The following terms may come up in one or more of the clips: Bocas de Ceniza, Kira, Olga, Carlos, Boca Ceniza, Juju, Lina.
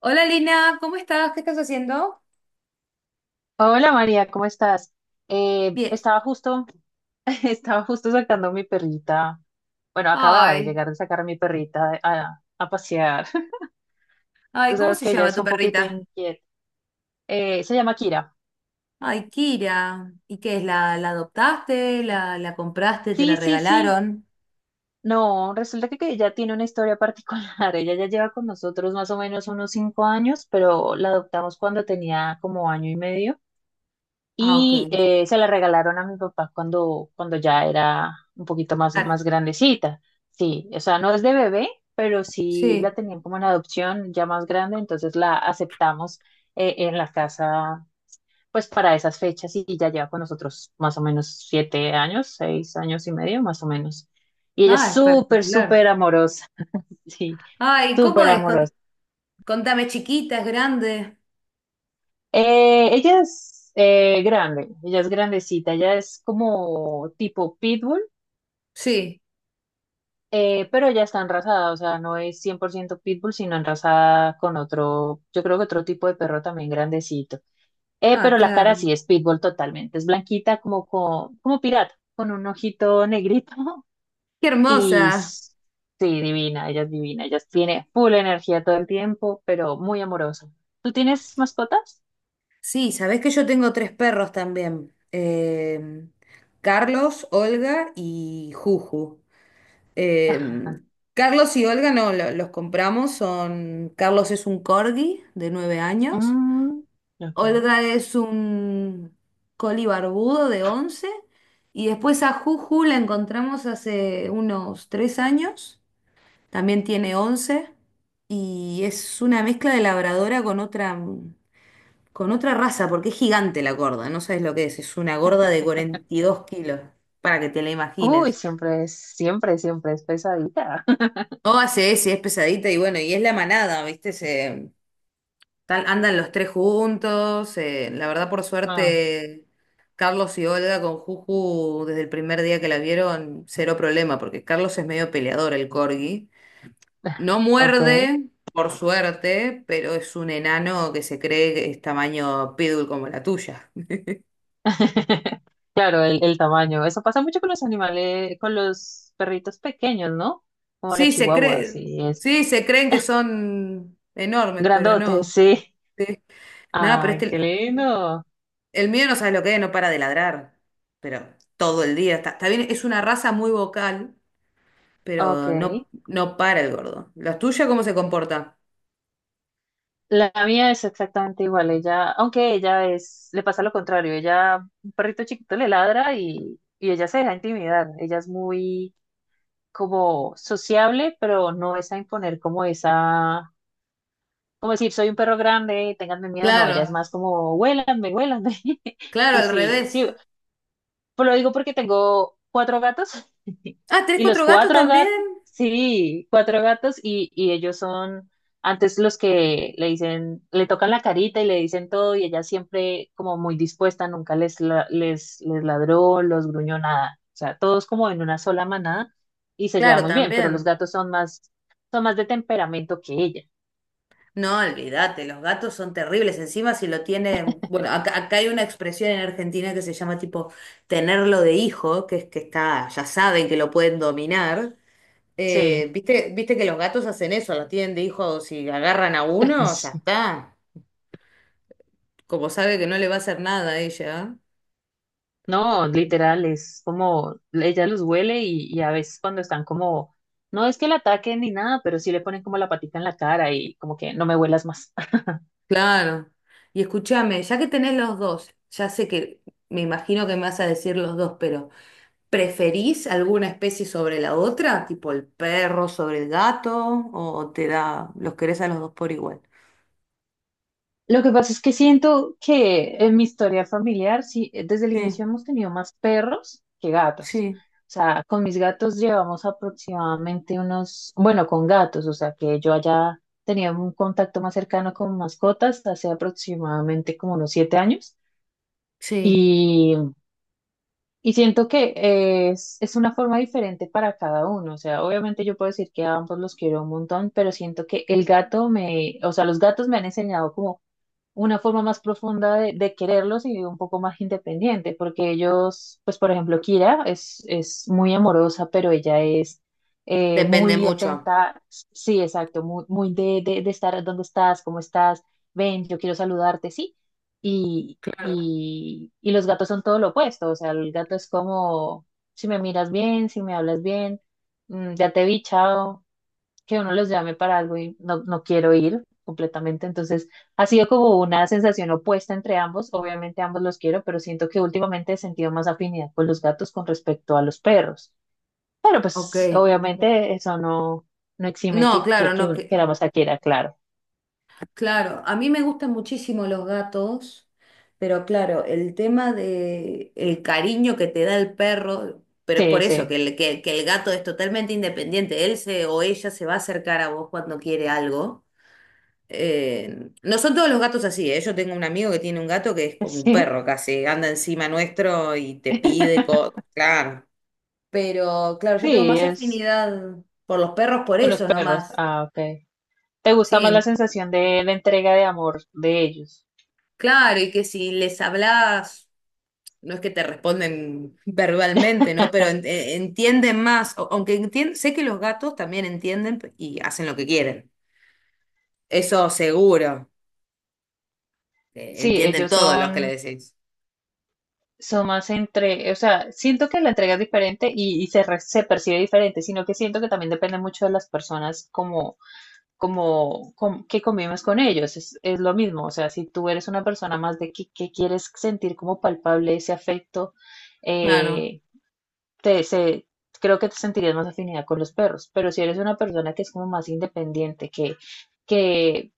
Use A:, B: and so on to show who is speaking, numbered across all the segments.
A: Hola Lina, ¿cómo estás? ¿Qué estás haciendo?
B: Hola María, ¿cómo estás?
A: Bien.
B: Estaba justo, estaba justo sacando a mi perrita. Bueno, acababa de
A: Ay,
B: llegar de sacar a mi perrita a pasear. Tú
A: ay, ¿cómo
B: sabes
A: se
B: que ella
A: llama
B: es
A: tu
B: un poquito
A: perrita?
B: inquieta. Se llama Kira.
A: Ay, Kira. ¿Y qué es? ¿La adoptaste? ¿La compraste? ¿Te la
B: Sí, sí, sí.
A: regalaron?
B: No, resulta que ella tiene una historia particular. Ella ya lleva con nosotros más o menos unos 5 años, pero la adoptamos cuando tenía como 1 año y medio.
A: Ah, ok.
B: Y se la regalaron a mi papá cuando ya era un poquito
A: Ah,
B: más grandecita. Sí, o sea, no es de bebé, pero sí la
A: sí.
B: tenían como en adopción ya más grande, entonces la aceptamos en la casa pues para esas fechas y ya lleva con nosotros más o menos 7 años, 6 años y medio más o menos. Y ella es
A: Ah,
B: súper,
A: espectacular.
B: súper amorosa, sí,
A: Ay, ¿cómo
B: súper
A: es?
B: amorosa.
A: Contame, chiquita, es grande.
B: Ella es grande, ella es grandecita, ella es como tipo pitbull.
A: Sí.
B: Pero ya está enrasada, o sea, no es 100% pitbull, sino enrasada con otro, yo creo que otro tipo de perro también grandecito.
A: Ah,
B: Pero la
A: claro.
B: cara sí es pitbull totalmente, es blanquita como pirata, con un ojito negrito.
A: Qué
B: y
A: hermosa.
B: s- sí, divina, ella es divina, ella tiene full energía todo el tiempo, pero muy amorosa. ¿Tú tienes mascotas?
A: Sí, sabés que yo tengo tres perros también. Carlos, Olga y Juju. Eh, Carlos y Olga no, los compramos. Son, Carlos es un corgi de 9 años.
B: Mm, ok.
A: Olga es un coli barbudo de 11. Y después a Juju la encontramos hace unos 3 años, también tiene 11 y es una mezcla de labradora con otra raza porque es gigante la gorda, no sabes lo que es una gorda de 42 kilos, para que te la
B: Uy,
A: imagines.
B: siempre es, siempre, siempre es pesadita.
A: Oh, sí, sí, es pesadita y bueno, y es la manada, ¿viste? Tal, andan los tres juntos. La verdad, por
B: Ah,
A: suerte, Carlos y Olga con Juju, desde el primer día que la vieron, cero problema, porque Carlos es medio peleador, el corgi. No
B: ok.
A: muerde, por suerte, pero es un enano que se cree que es tamaño pitbull como la tuya.
B: Claro, el tamaño. Eso pasa mucho con los animales, con los perritos pequeños, ¿no? Como la
A: Sí,
B: chihuahua, sí, es
A: sí, se creen que son enormes, pero
B: grandote.
A: no.
B: Sí.
A: Sí. Nada, pero
B: Ay, qué
A: este,
B: lindo.
A: el mío no sabe lo que es, no para de ladrar, pero todo el día está. Está bien, es una raza muy vocal,
B: Ok.
A: pero no, no para el gordo. ¿La tuya cómo se comporta?
B: La mía es exactamente igual. Ella, aunque ella es, le pasa lo contrario. Ella, un perrito chiquito le ladra y ella se deja intimidar. Ella es muy como sociable, pero no es a imponer como esa. Como decir, soy un perro grande, ténganme miedo, no, ella es
A: Claro,
B: más como, huélanme, huélanme.
A: claro,
B: Y
A: al
B: sí, sí,
A: revés.
B: pues lo digo porque tengo 4 gatos
A: Ah, ¿tenés
B: y los
A: cuatro gatos
B: cuatro
A: también?
B: gatos, sí, 4 gatos y ellos son antes los que le dicen, le tocan la carita y le dicen todo y ella siempre como muy dispuesta, nunca les, les ladró, los gruñó nada. O sea, todos como en una sola manada y se lleva
A: Claro,
B: muy bien, pero los
A: también.
B: gatos son más de temperamento que ella.
A: No, olvídate, los gatos son terribles. Encima si lo tienen, bueno, acá, acá hay una expresión en Argentina que se llama tipo tenerlo de hijo, que es que está, ya saben que lo pueden dominar.
B: Sí.
A: ¿Viste que los gatos hacen eso, la tienen de hijo, si agarran a uno, ya está? Como sabe que no le va a hacer nada a ella.
B: No, literal, es como ella los huele y a veces cuando están como, no es que la ataquen ni nada, pero sí le ponen como la patita en la cara y como que no me huelas más.
A: Claro. Y escúchame, ya que tenés los dos, ya sé que me imagino que me vas a decir los dos, pero ¿preferís alguna especie sobre la otra? Tipo el perro sobre el gato, o te da, los querés a los dos por igual.
B: Lo que pasa es que siento que en mi historia familiar, sí, desde el
A: Sí,
B: inicio hemos tenido más perros que gatos.
A: sí,
B: O sea, con mis gatos llevamos aproximadamente unos, bueno, con gatos, o sea, que yo haya tenido un contacto más cercano con mascotas hace aproximadamente como unos 7 años.
A: sí.
B: Y siento que es una forma diferente para cada uno. O sea, obviamente yo puedo decir que a ambos los quiero un montón, pero siento que el gato me, o sea, los gatos me han enseñado como una forma más profunda de quererlos y un poco más independiente, porque ellos, pues por ejemplo, Kira es muy amorosa, pero ella es
A: Depende
B: muy
A: mucho.
B: atenta, sí, exacto, muy, muy de estar, ¿dónde estás? ¿Cómo estás? Ven, yo quiero saludarte, sí.
A: Claro.
B: Y los gatos son todo lo opuesto, o sea, el gato es como, si me miras bien, si me hablas bien, mm, ya te vi, chao, que uno los llame para algo y no, no quiero ir completamente. Entonces, ha sido como una sensación opuesta entre ambos. Obviamente ambos los quiero, pero siento que últimamente he sentido más afinidad con los gatos con respecto a los perros. Pero
A: Ok.
B: pues obviamente eso no, no exime
A: No, claro,
B: que
A: no
B: uno
A: que.
B: queramos a Kira, claro.
A: Claro, a mí me gustan muchísimo los gatos, pero claro, el tema de el cariño que te da el perro, pero es por
B: Sí,
A: eso que
B: sí,
A: el gato es totalmente independiente, él se o ella se va a acercar a vos cuando quiere algo. No son todos los gatos así, ¿eh? Yo tengo un amigo que tiene un gato que es como un
B: sí.
A: perro casi, anda encima nuestro y te pide cosas, claro. Pero claro, yo tengo
B: Sí,
A: más
B: es
A: afinidad por los perros por
B: con los
A: eso
B: perros.
A: nomás.
B: Ah, ok. ¿Te gusta
A: Sí,
B: más la sensación de la entrega de amor de ellos?
A: claro, y que si les hablas no es que te responden verbalmente, ¿no? Pero entienden más, aunque sé que los gatos también entienden y hacen lo que quieren. Eso seguro,
B: Sí,
A: entienden
B: ellos
A: todos los que le
B: son...
A: decís.
B: son más entre, o sea, siento que la entrega es diferente se percibe diferente, sino que siento que también depende mucho de las personas que convives con ellos, es lo mismo, o sea, si tú eres una persona más de que quieres sentir como palpable ese afecto,
A: Claro,
B: eh, te, se, creo que te sentirías más afinidad con los perros, pero si eres una persona que es como más independiente, que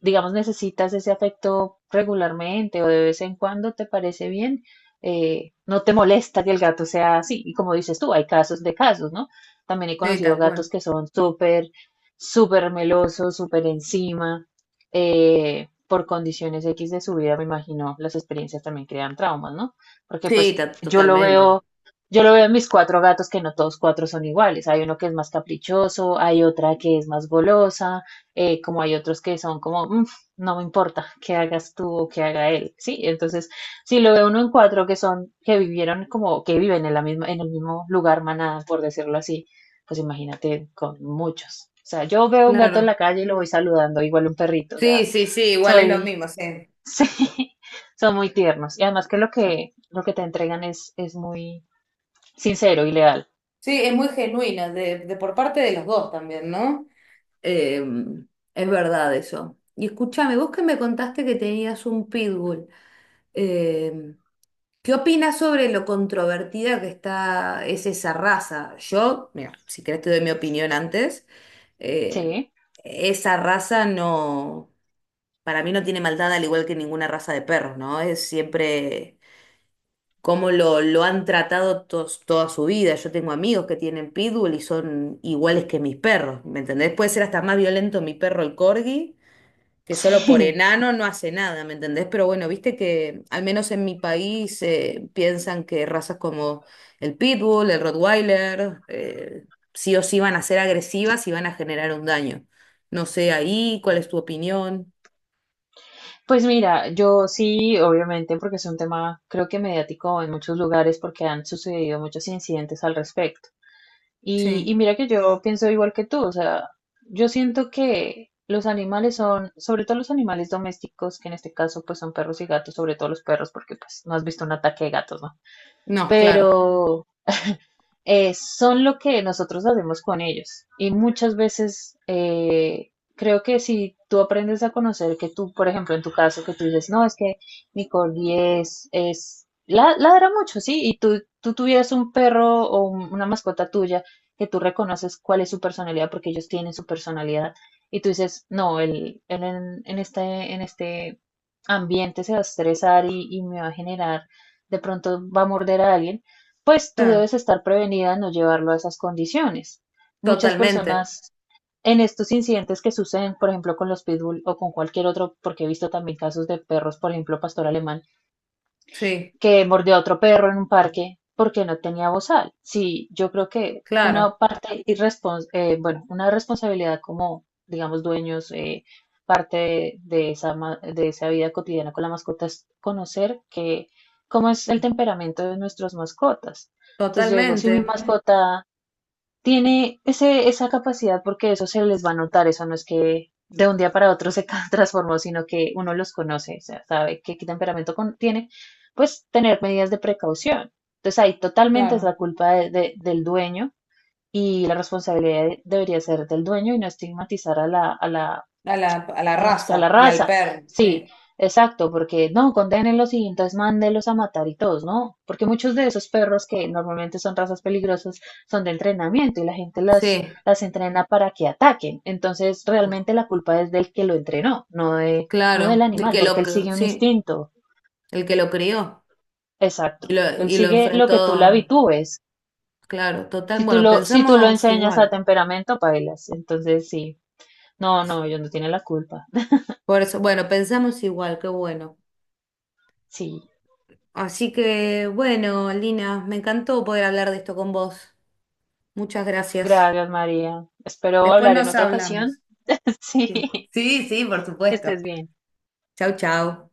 B: digamos, necesitas ese afecto regularmente o de vez en cuando, ¿te parece bien? No te molesta que el gato sea así. Y como dices tú, hay casos de casos, ¿no? También he
A: sí,
B: conocido
A: tal
B: gatos
A: cual.
B: que son súper, súper melosos, súper encima, por condiciones X de su vida, me imagino, las experiencias también crean traumas, ¿no? Porque
A: Sí,
B: pues yo lo
A: totalmente.
B: veo, yo lo veo en mis 4 gatos que no todos 4 son iguales. Hay uno que es más caprichoso, hay otra que es más golosa, como hay otros que son como, "Mm, no me importa que hagas tú o que haga él", ¿sí? Entonces, si lo ve uno en 4 que son, que vivieron como, que viven en la misma, en el mismo lugar, manada, por decirlo así, pues imagínate con muchos. O sea, yo veo un gato en
A: Claro.
B: la calle y lo voy saludando, igual un perrito, o
A: Sí,
B: sea,
A: sí, sí, igual es lo
B: soy,
A: mismo, sí.
B: sí, son muy tiernos. Y además que lo que, lo que te entregan es muy sincero y leal,
A: Sí, es muy genuina, de por parte de los dos también, ¿no? Eh, es verdad eso. Y escúchame, vos que me contaste que tenías un pitbull. em, ¿Qué opinas sobre lo controvertida que está, es esa raza? Yo, mira, si querés te doy mi opinión antes. Eh,
B: ¿sí?
A: esa raza no, para mí no tiene maldad al igual que ninguna raza de perros, ¿no? Es siempre como lo han tratado toda su vida. Yo tengo amigos que tienen pitbull y son iguales que mis perros, ¿me entendés? Puede ser hasta más violento mi perro el corgi que solo por
B: Sí.
A: enano no hace nada, ¿me entendés? Pero bueno, viste que al menos en mi país piensan que razas como el Pitbull, el Rottweiler, sí o sí van a ser agresivas y van a generar un daño. No sé ahí, ¿cuál es tu opinión?
B: Pues mira, yo sí, obviamente, porque es un tema, creo que mediático en muchos lugares, porque han sucedido muchos incidentes al respecto.
A: Sí,
B: Y mira que yo pienso igual que tú, o sea, yo siento que los animales son, sobre todo los animales domésticos, que en este caso pues son perros y gatos, sobre todo los perros, porque pues no has visto un ataque de gatos, ¿no?
A: no, claro,
B: Pero son lo que nosotros hacemos con ellos. Y muchas veces creo que si tú aprendes a conocer que tú, por ejemplo, en tu caso, que tú dices, no, es que mi Nicole ladra mucho, sí, tú tuvieras un perro una mascota tuya que tú reconoces cuál es su personalidad, porque ellos tienen su personalidad, y tú dices, no, él en este ambiente se va a estresar y me va a generar, de pronto va a morder a alguien, pues tú
A: claro,
B: debes estar prevenida, no llevarlo a esas condiciones. Muchas
A: totalmente,
B: personas en estos incidentes que suceden, por ejemplo, con los pitbull o con cualquier otro, porque he visto también casos de perros, por ejemplo, pastor alemán,
A: sí,
B: que mordió a otro perro en un parque porque no tenía bozal. Sí, yo creo que
A: claro,
B: una parte irrespons bueno, una responsabilidad como, digamos, dueños, parte de esa, de esa vida cotidiana con la mascota es conocer cómo es el temperamento de nuestras mascotas. Entonces yo digo, si mi Ujú.
A: totalmente,
B: Mascota tiene ese, esa capacidad porque eso se les va a notar, eso no es que de un día para otro se ca- transformó, sino que uno los conoce, o sea, sabe qué temperamento tiene, pues tener medidas de precaución. Entonces ahí totalmente es
A: claro,
B: la culpa del dueño y la responsabilidad debería ser del dueño y no estigmatizar a la
A: a la
B: digamos que a la
A: raza y al
B: raza.
A: perro,
B: Sí,
A: sí.
B: exacto, porque no, condenenlos y entonces mándenlos a matar y todos, ¿no? Porque muchos de esos perros que normalmente son razas peligrosas son de entrenamiento y la gente
A: Sí,
B: las entrena para que ataquen. Entonces, realmente la culpa es del que lo entrenó, no de, no del
A: claro, el
B: animal,
A: que
B: porque
A: lo,
B: él sigue un
A: sí,
B: instinto.
A: el que lo crió. Y
B: Exacto.
A: lo,
B: Él
A: y lo
B: sigue lo que tú le
A: enfrentó,
B: habitúes.
A: claro, total.
B: Si tú
A: Bueno,
B: lo, si tú lo
A: pensamos
B: enseñas a
A: igual.
B: temperamento, bailas. Entonces, sí. No, no, ellos no tienen la culpa.
A: Por eso, bueno, pensamos igual, qué bueno.
B: Sí.
A: Así que, bueno, Lina, me encantó poder hablar de esto con vos. Muchas gracias.
B: Gracias, María. Espero
A: Después
B: hablar en
A: nos
B: otra
A: hablamos.
B: ocasión. Sí,
A: Sí, sí, sí, por
B: que
A: supuesto.
B: estés bien.
A: Chau, chau.